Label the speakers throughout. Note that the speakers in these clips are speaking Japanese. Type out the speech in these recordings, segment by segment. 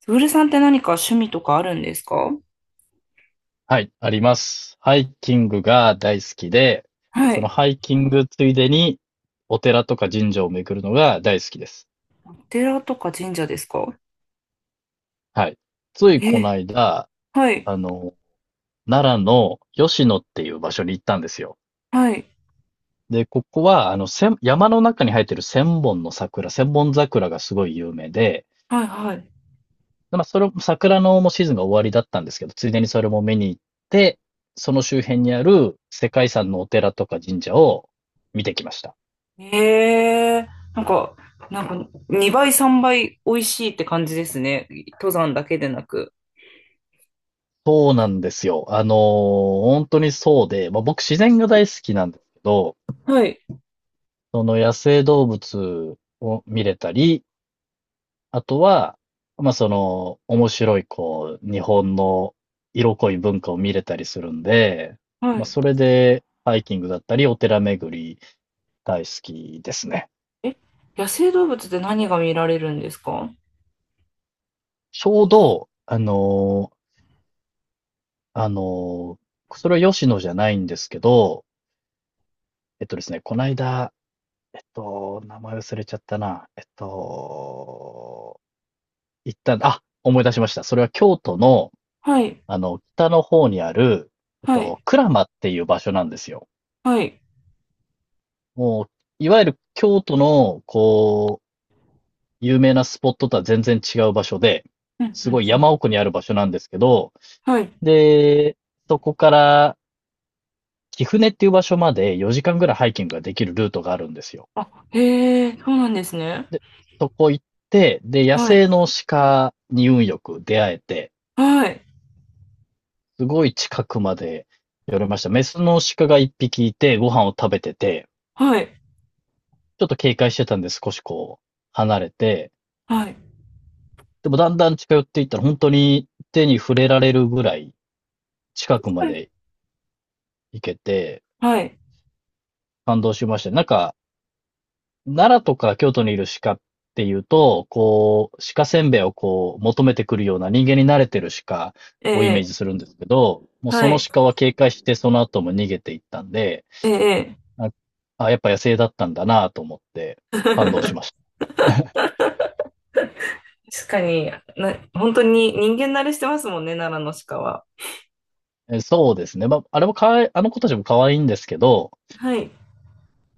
Speaker 1: つぶるさんって何か趣味とかあるんですか？
Speaker 2: はい、あります。ハイキングが大好きで、
Speaker 1: は
Speaker 2: その
Speaker 1: い。
Speaker 2: ハイキングついでにお寺とか神社を巡るのが大好きです。
Speaker 1: お寺とか神社ですか？
Speaker 2: はい。ついこの
Speaker 1: え、
Speaker 2: 間、
Speaker 1: はい、
Speaker 2: あの、奈良の吉野っていう場所に行ったんですよ。
Speaker 1: はい、
Speaker 2: で、ここは、千山の中に生えてる千本の桜、千本桜がすごい有名で、
Speaker 1: はい、は
Speaker 2: でそれ、桜のもうシーズンが終わりだったんですけど、ついでにそれも見に行って、その周辺にある世界遺産のお寺とか神社を見てきました。
Speaker 1: い。えー、なんか、なんか、2倍、3倍美味しいって感じですね。登山だけでなく。
Speaker 2: そうなんですよ。本当にそうで、まあ、僕自然が大好きなんですけど、
Speaker 1: はい。
Speaker 2: その野生動物を見れたり、あとは、まあ、その、面白い、こう、日本の色濃い文化を見れたりするんで、
Speaker 1: は
Speaker 2: まあ、
Speaker 1: い。
Speaker 2: それで、ハイキングだったり、お寺巡り大好きですね。
Speaker 1: え、野生動物って何が見られるんですか？
Speaker 2: ちょうど、あのーそれは吉野じゃないんですけど、えっとですね、この間、と、名前忘れちゃったな。行ったんだあ、思い出しました。それは京都の、
Speaker 1: はい。
Speaker 2: 北の方にある、
Speaker 1: はい。
Speaker 2: 鞍馬っていう場所なんですよ。
Speaker 1: はい。
Speaker 2: もう、いわゆる京都の、こう、有名なスポットとは全然違う場所で、
Speaker 1: うん、うん、う
Speaker 2: すごい
Speaker 1: ん。
Speaker 2: 山奥にある場所なんですけど、
Speaker 1: はい。
Speaker 2: で、そこから貴船っていう場所まで4時間ぐらいハイキングができるルートがあるんですよ。
Speaker 1: あ、へえ、そうなんですね。
Speaker 2: で、そこ行って、で、野
Speaker 1: はい。
Speaker 2: 生の鹿に運よく出会えて、
Speaker 1: はい。
Speaker 2: すごい近くまで寄れました。メスの鹿が一匹いて、ご飯を食べてて、
Speaker 1: はい。
Speaker 2: ちょっと警戒してたんで少しこう、離れて、
Speaker 1: はい。
Speaker 2: でもだんだん近寄っていったら本当に手に触れられるぐらい近くま
Speaker 1: はい。
Speaker 2: で行けて、
Speaker 1: はい。
Speaker 2: 感動しました。なんか、奈良とか京都にいる鹿っていうと、こう、鹿せんべいをこう、求めてくるような人間に慣れてる鹿
Speaker 1: え
Speaker 2: をイメー
Speaker 1: え、
Speaker 2: ジするんですけど、もう
Speaker 1: は
Speaker 2: その
Speaker 1: い、
Speaker 2: 鹿は警戒してその後も逃げていったんで、
Speaker 1: ええ。
Speaker 2: あ、やっぱ野生だったんだなと思って 感動しまし
Speaker 1: 確かに。本当に人間慣れしてますもんね、奈良の鹿は。
Speaker 2: た。え、そうですね。まあ、あれもかわいあの子たちも可愛いんですけど、
Speaker 1: はい。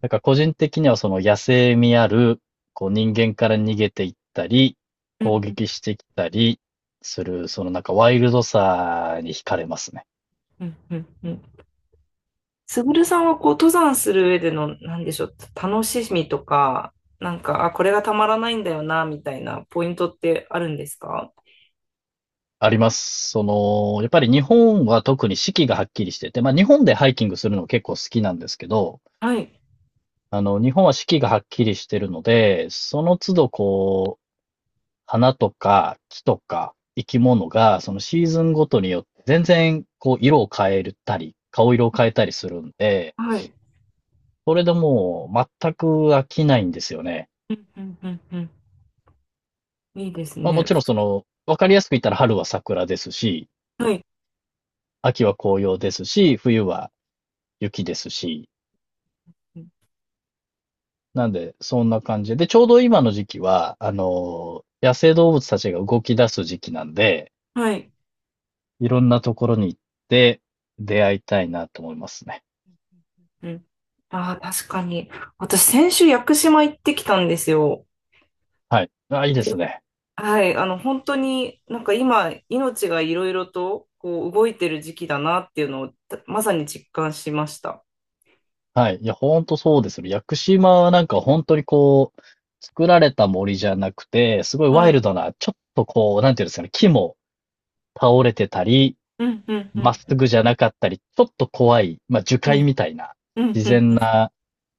Speaker 2: なんか個人的にはその野生味ある、こう人間から逃げていったり、
Speaker 1: うんう
Speaker 2: 攻
Speaker 1: ん
Speaker 2: 撃してきたりする、そのなんかワイルドさに惹かれますね。
Speaker 1: うんうんうん。すぐるさんはこう登山する上での、なんでしょう、楽しみとか、なんか、あ、これがたまらないんだよな、みたいなポイントってあるんですか？
Speaker 2: あります。その、やっぱり日本は特に四季がはっきりしてて、ま、日本でハイキングするの結構好きなんですけど、
Speaker 1: はい。
Speaker 2: 日本は四季がはっきりしてるので、その都度こう花とか木とか生き物が、そのシーズンごとによって全然こう色を変えたり、顔色を変えたりするんで、
Speaker 1: はい。
Speaker 2: それでもう全く飽きないんですよね。
Speaker 1: うんうんうんうん。いいです
Speaker 2: まあも
Speaker 1: ね。
Speaker 2: ちろんその、わかりやすく言ったら春は桜ですし、
Speaker 1: はい。
Speaker 2: 秋は紅葉ですし、冬は雪ですし、なんでそんな感じで、で、ちょうど今の時期は、野生動物たちが動き出す時期なんで、
Speaker 1: はい。
Speaker 2: いろんなところに行って出会いたいなと思いますね。
Speaker 1: うん。ああ、確かに。私、先週屋久島行ってきたんですよ。
Speaker 2: はい。あ、いいで
Speaker 1: で、
Speaker 2: すね。
Speaker 1: はい、本当になんか今、命がいろいろとこう動いてる時期だなっていうのをたまさに実感しました。
Speaker 2: はい。いや、ほんとそうですよ。屋久島はなんか本当にこう、作られた森じゃなくて、すごい
Speaker 1: は
Speaker 2: ワイ
Speaker 1: い。
Speaker 2: ルドな、ちょっとこう、なんていうんですかね、木も倒れてたり、
Speaker 1: うんうん
Speaker 2: まっす
Speaker 1: うん
Speaker 2: ぐじゃなかったり、ちょっと怖い、まあ、樹
Speaker 1: う
Speaker 2: 海
Speaker 1: ん
Speaker 2: みたいな、
Speaker 1: うん
Speaker 2: 自
Speaker 1: うんう
Speaker 2: 然
Speaker 1: ん。
Speaker 2: な、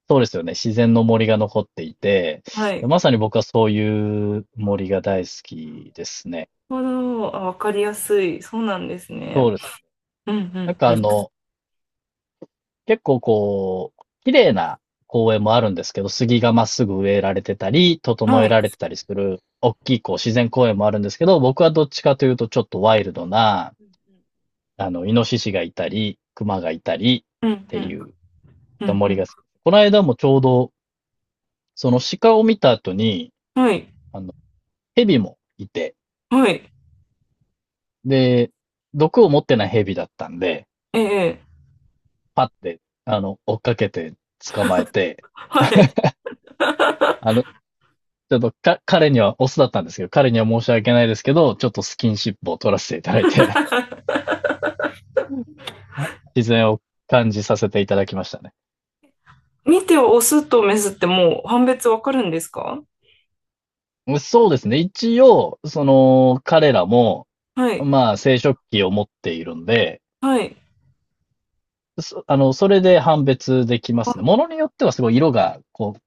Speaker 2: そうですよね、自然の森が残っていて、
Speaker 1: は
Speaker 2: で
Speaker 1: い。
Speaker 2: まさに僕はそういう森が大好きですね。
Speaker 1: なるほど。あ、わかりやすい。そうなんです
Speaker 2: そう
Speaker 1: ね。
Speaker 2: です。
Speaker 1: うんう
Speaker 2: なんか
Speaker 1: んうん。
Speaker 2: 結構こう、綺麗な公園もあるんですけど、杉がまっすぐ植えられてたり、整
Speaker 1: は
Speaker 2: え
Speaker 1: い。
Speaker 2: られてたりする、大きいこう自然公園もあるんですけど、僕はどっちかというとちょっとワイルドな、イノシシがいたり、クマがいたりっ
Speaker 1: うんう
Speaker 2: てい
Speaker 1: ん
Speaker 2: う、
Speaker 1: う
Speaker 2: 森が
Speaker 1: ん
Speaker 2: 好き。この間もちょうど、その鹿を見た後に、
Speaker 1: うん。はい。
Speaker 2: あの、蛇もいて、
Speaker 1: はい。
Speaker 2: で、毒を持ってない蛇だったんで、
Speaker 1: ええ。
Speaker 2: パって、追っかけて捕まえて、
Speaker 1: はい。
Speaker 2: あの、ちょっとか、彼にはオスだったんですけど、彼には申し訳ないですけど、ちょっとスキンシップを取らせていただいて、自然を感じさせていただきましたね。
Speaker 1: 見てオスとメスってもう判別わかるんですか？
Speaker 2: そうですね。一応、その、彼らも、
Speaker 1: はい。
Speaker 2: まあ、生殖器を持っているんで、
Speaker 1: はい。
Speaker 2: そそれで判別できますね。ものによってはすごい色が、こう、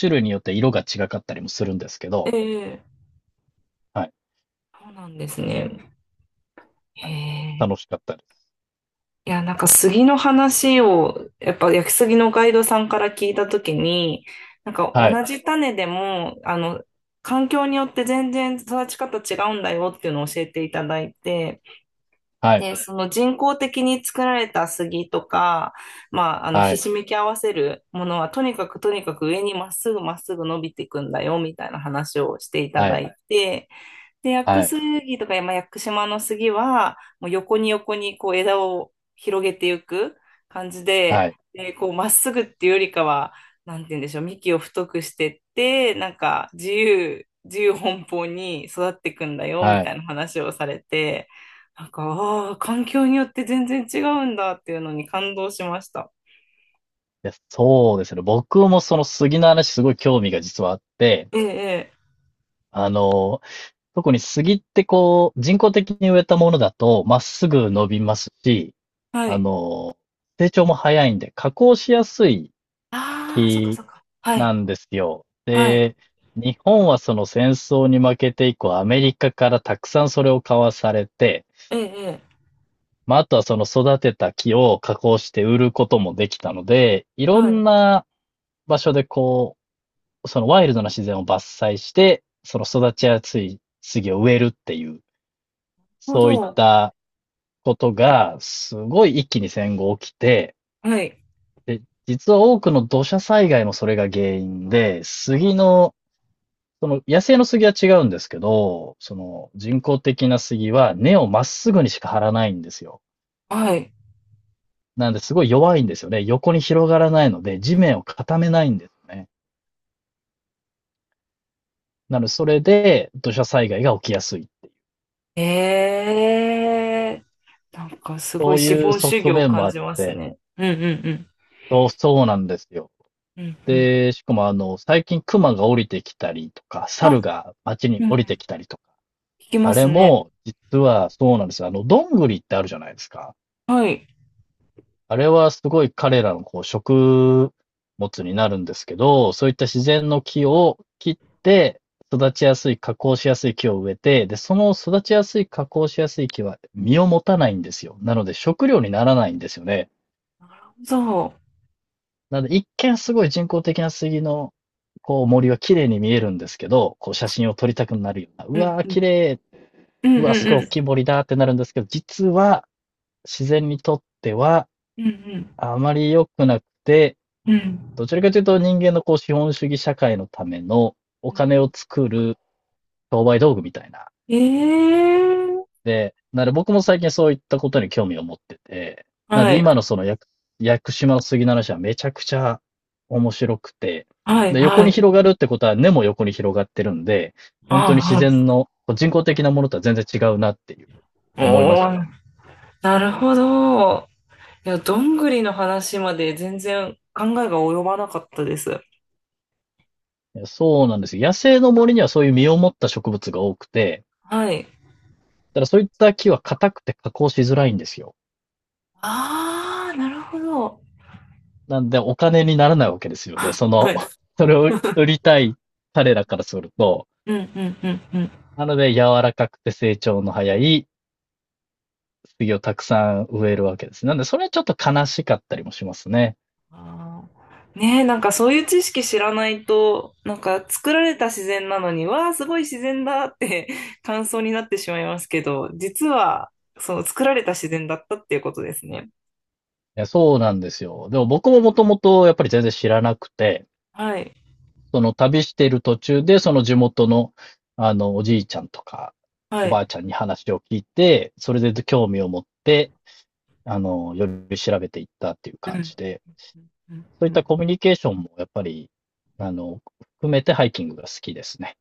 Speaker 2: 種類によって色が違かったりもするんですけ
Speaker 1: え
Speaker 2: ど、
Speaker 1: え。
Speaker 2: はい、
Speaker 1: そうなんですね。へ
Speaker 2: はい。楽
Speaker 1: え。
Speaker 2: しかったです。
Speaker 1: いや、なんか杉の話を、やっぱ焼き杉のガイドさんから聞いたときに、なんか
Speaker 2: はい、
Speaker 1: 同じ種でも、環境によって全然育ち方違うんだよっていうのを教えていただいて、
Speaker 2: はい、
Speaker 1: で、その人工的に作られた杉とか、
Speaker 2: は
Speaker 1: ひ
Speaker 2: い、
Speaker 1: しめき合わせるものは、とにかくとにかく上にまっすぐまっすぐ伸びていくんだよ、みたいな話をしていた
Speaker 2: は
Speaker 1: だ
Speaker 2: い、
Speaker 1: いて、で、屋久
Speaker 2: はい、
Speaker 1: 杉とか、まあ、屋久島の杉は、もう横に横にこう枝を広げていく感じで、
Speaker 2: はい、
Speaker 1: で、こうまっすぐっていうよりかは、なんて言うんでしょう、幹を太くしてって、なんか自由、自由奔放に育っていくんだよ、み
Speaker 2: は
Speaker 1: た
Speaker 2: い。
Speaker 1: いな話をされて、なんか、ああ、環境によって全然違うんだっていうのに感動しました。
Speaker 2: いや、そうですね。僕もその杉の話すごい興味が実はあって、
Speaker 1: ええ、え
Speaker 2: あの、特に杉ってこう、人工的に植えたものだと、まっすぐ伸びますし、
Speaker 1: え、は
Speaker 2: あ
Speaker 1: い。
Speaker 2: の、成長も早いんで、加工しやすい
Speaker 1: ああ、そっか
Speaker 2: 木
Speaker 1: そっか。は
Speaker 2: な
Speaker 1: い。
Speaker 2: んですよ。
Speaker 1: はい。
Speaker 2: で、日本はその戦争に負けて以降、アメリカからたくさんそれを買わされて、
Speaker 1: ええ、え
Speaker 2: まあ、あとはその育てた木を加工して売ることもできたので、い
Speaker 1: え、
Speaker 2: ろ
Speaker 1: はい。な
Speaker 2: ん
Speaker 1: る
Speaker 2: な場所でこうそのワイルドな自然を伐採して、その育ちやすい杉を植えるっていう、
Speaker 1: ほ
Speaker 2: そういっ
Speaker 1: ど。
Speaker 2: たことが、すごい一気に戦後起きて、
Speaker 1: はい。
Speaker 2: で、実は多くの土砂災害もそれが原因で、杉の、その野生の杉は違うんですけど、その人工的な杉は根をまっすぐにしか張らないんですよ。
Speaker 1: はい。
Speaker 2: なんですごい弱いんですよね。横に広がらないので、地面を固めないんですね。なので、それで土砂災害が起きやすい。
Speaker 1: ええ。なんかすご
Speaker 2: そ
Speaker 1: い
Speaker 2: う
Speaker 1: 資
Speaker 2: いう
Speaker 1: 本主義
Speaker 2: 側
Speaker 1: を
Speaker 2: 面も
Speaker 1: 感
Speaker 2: あっ
Speaker 1: じます
Speaker 2: て、
Speaker 1: ね。うんうん
Speaker 2: そう、そうなんですよ。
Speaker 1: うん。うんうん。
Speaker 2: で、しかも最近クマが降りてきたりとか、
Speaker 1: あ、
Speaker 2: 猿が街に
Speaker 1: うん、
Speaker 2: 降り
Speaker 1: 聞
Speaker 2: てきたりとか、
Speaker 1: き
Speaker 2: あ
Speaker 1: ま
Speaker 2: れ
Speaker 1: すね。
Speaker 2: も実はそうなんですよ。どんぐりってあるじゃないですか。
Speaker 1: はい。
Speaker 2: あれはすごい彼らのこう食物になるんですけど、そういった自然の木を切って、育ちやすい、加工しやすい木を植えて、で、その育ちやすい、加工しやすい木は実を持たないんですよ。なので食料にならないんですよね。
Speaker 1: そ
Speaker 2: なので、一見すごい人工的な杉の、こう、森は綺麗に見えるんですけど、こう、写真を撮りたくなるような、う
Speaker 1: う。うん
Speaker 2: わー、
Speaker 1: うん。
Speaker 2: 綺麗、
Speaker 1: うんう
Speaker 2: う
Speaker 1: ん
Speaker 2: わー、すごい
Speaker 1: う
Speaker 2: 大きい
Speaker 1: ん。
Speaker 2: 森だってなるんですけど、実は、自然にとっては、
Speaker 1: うん
Speaker 2: あまり良くなくて、
Speaker 1: うん。うんうん。
Speaker 2: どちらかというと人間のこう資本主義社会のためのお金を作る商売道具みたいな
Speaker 1: ええ。
Speaker 2: で、なので僕も最近そういったことに興味を持ってて、なの
Speaker 1: は
Speaker 2: で
Speaker 1: い。
Speaker 2: 今のその屋久島の杉の話はめちゃくちゃ面白くて、
Speaker 1: はい。
Speaker 2: で、
Speaker 1: は
Speaker 2: 横に
Speaker 1: い。
Speaker 2: 広がるってことは根も横に広がってるんで、本
Speaker 1: あ、
Speaker 2: 当に自
Speaker 1: は
Speaker 2: 然
Speaker 1: い。
Speaker 2: のこう人工的なものとは全然違うなっていう
Speaker 1: お
Speaker 2: 思いました
Speaker 1: ー、なるほど。いや、どんぐりの話まで全然考えが及ばなかったです。
Speaker 2: ね。そうなんですよ。野生の森にはそういう実を持った植物が多くて、
Speaker 1: はい。
Speaker 2: ただそういった木は硬くて加工しづらいんですよ。
Speaker 1: ああ、なるほど。
Speaker 2: なんでお金にならないわけですよね。そ
Speaker 1: は
Speaker 2: の、
Speaker 1: い。
Speaker 2: それを売りたい彼らからすると、
Speaker 1: うん、うん、うん、うん。
Speaker 2: なので、柔らかくて成長の早い杉をたくさん植えるわけです。なんで、それはちょっと悲しかったりもしますね。
Speaker 1: あーねえ、なんかそういう知識知らないと、なんか作られた自然なのに、わあ、すごい自然だって 感想になってしまいますけど、実は、その作られた自然だったっていうことですね。
Speaker 2: そうなんですよ。でも僕ももともとやっぱり全然知らなくて、
Speaker 1: はい。
Speaker 2: その旅している途中で、その地元の、おじいちゃんとか、
Speaker 1: は
Speaker 2: おば
Speaker 1: い。
Speaker 2: あちゃんに話を聞いて、それで興味を持って、より調べていったっていう
Speaker 1: う
Speaker 2: 感
Speaker 1: ん。
Speaker 2: じで、
Speaker 1: うん。
Speaker 2: そういっ
Speaker 1: う
Speaker 2: た
Speaker 1: ん。
Speaker 2: コミュニケーションもやっぱり、あの、含めてハイキングが好きですね。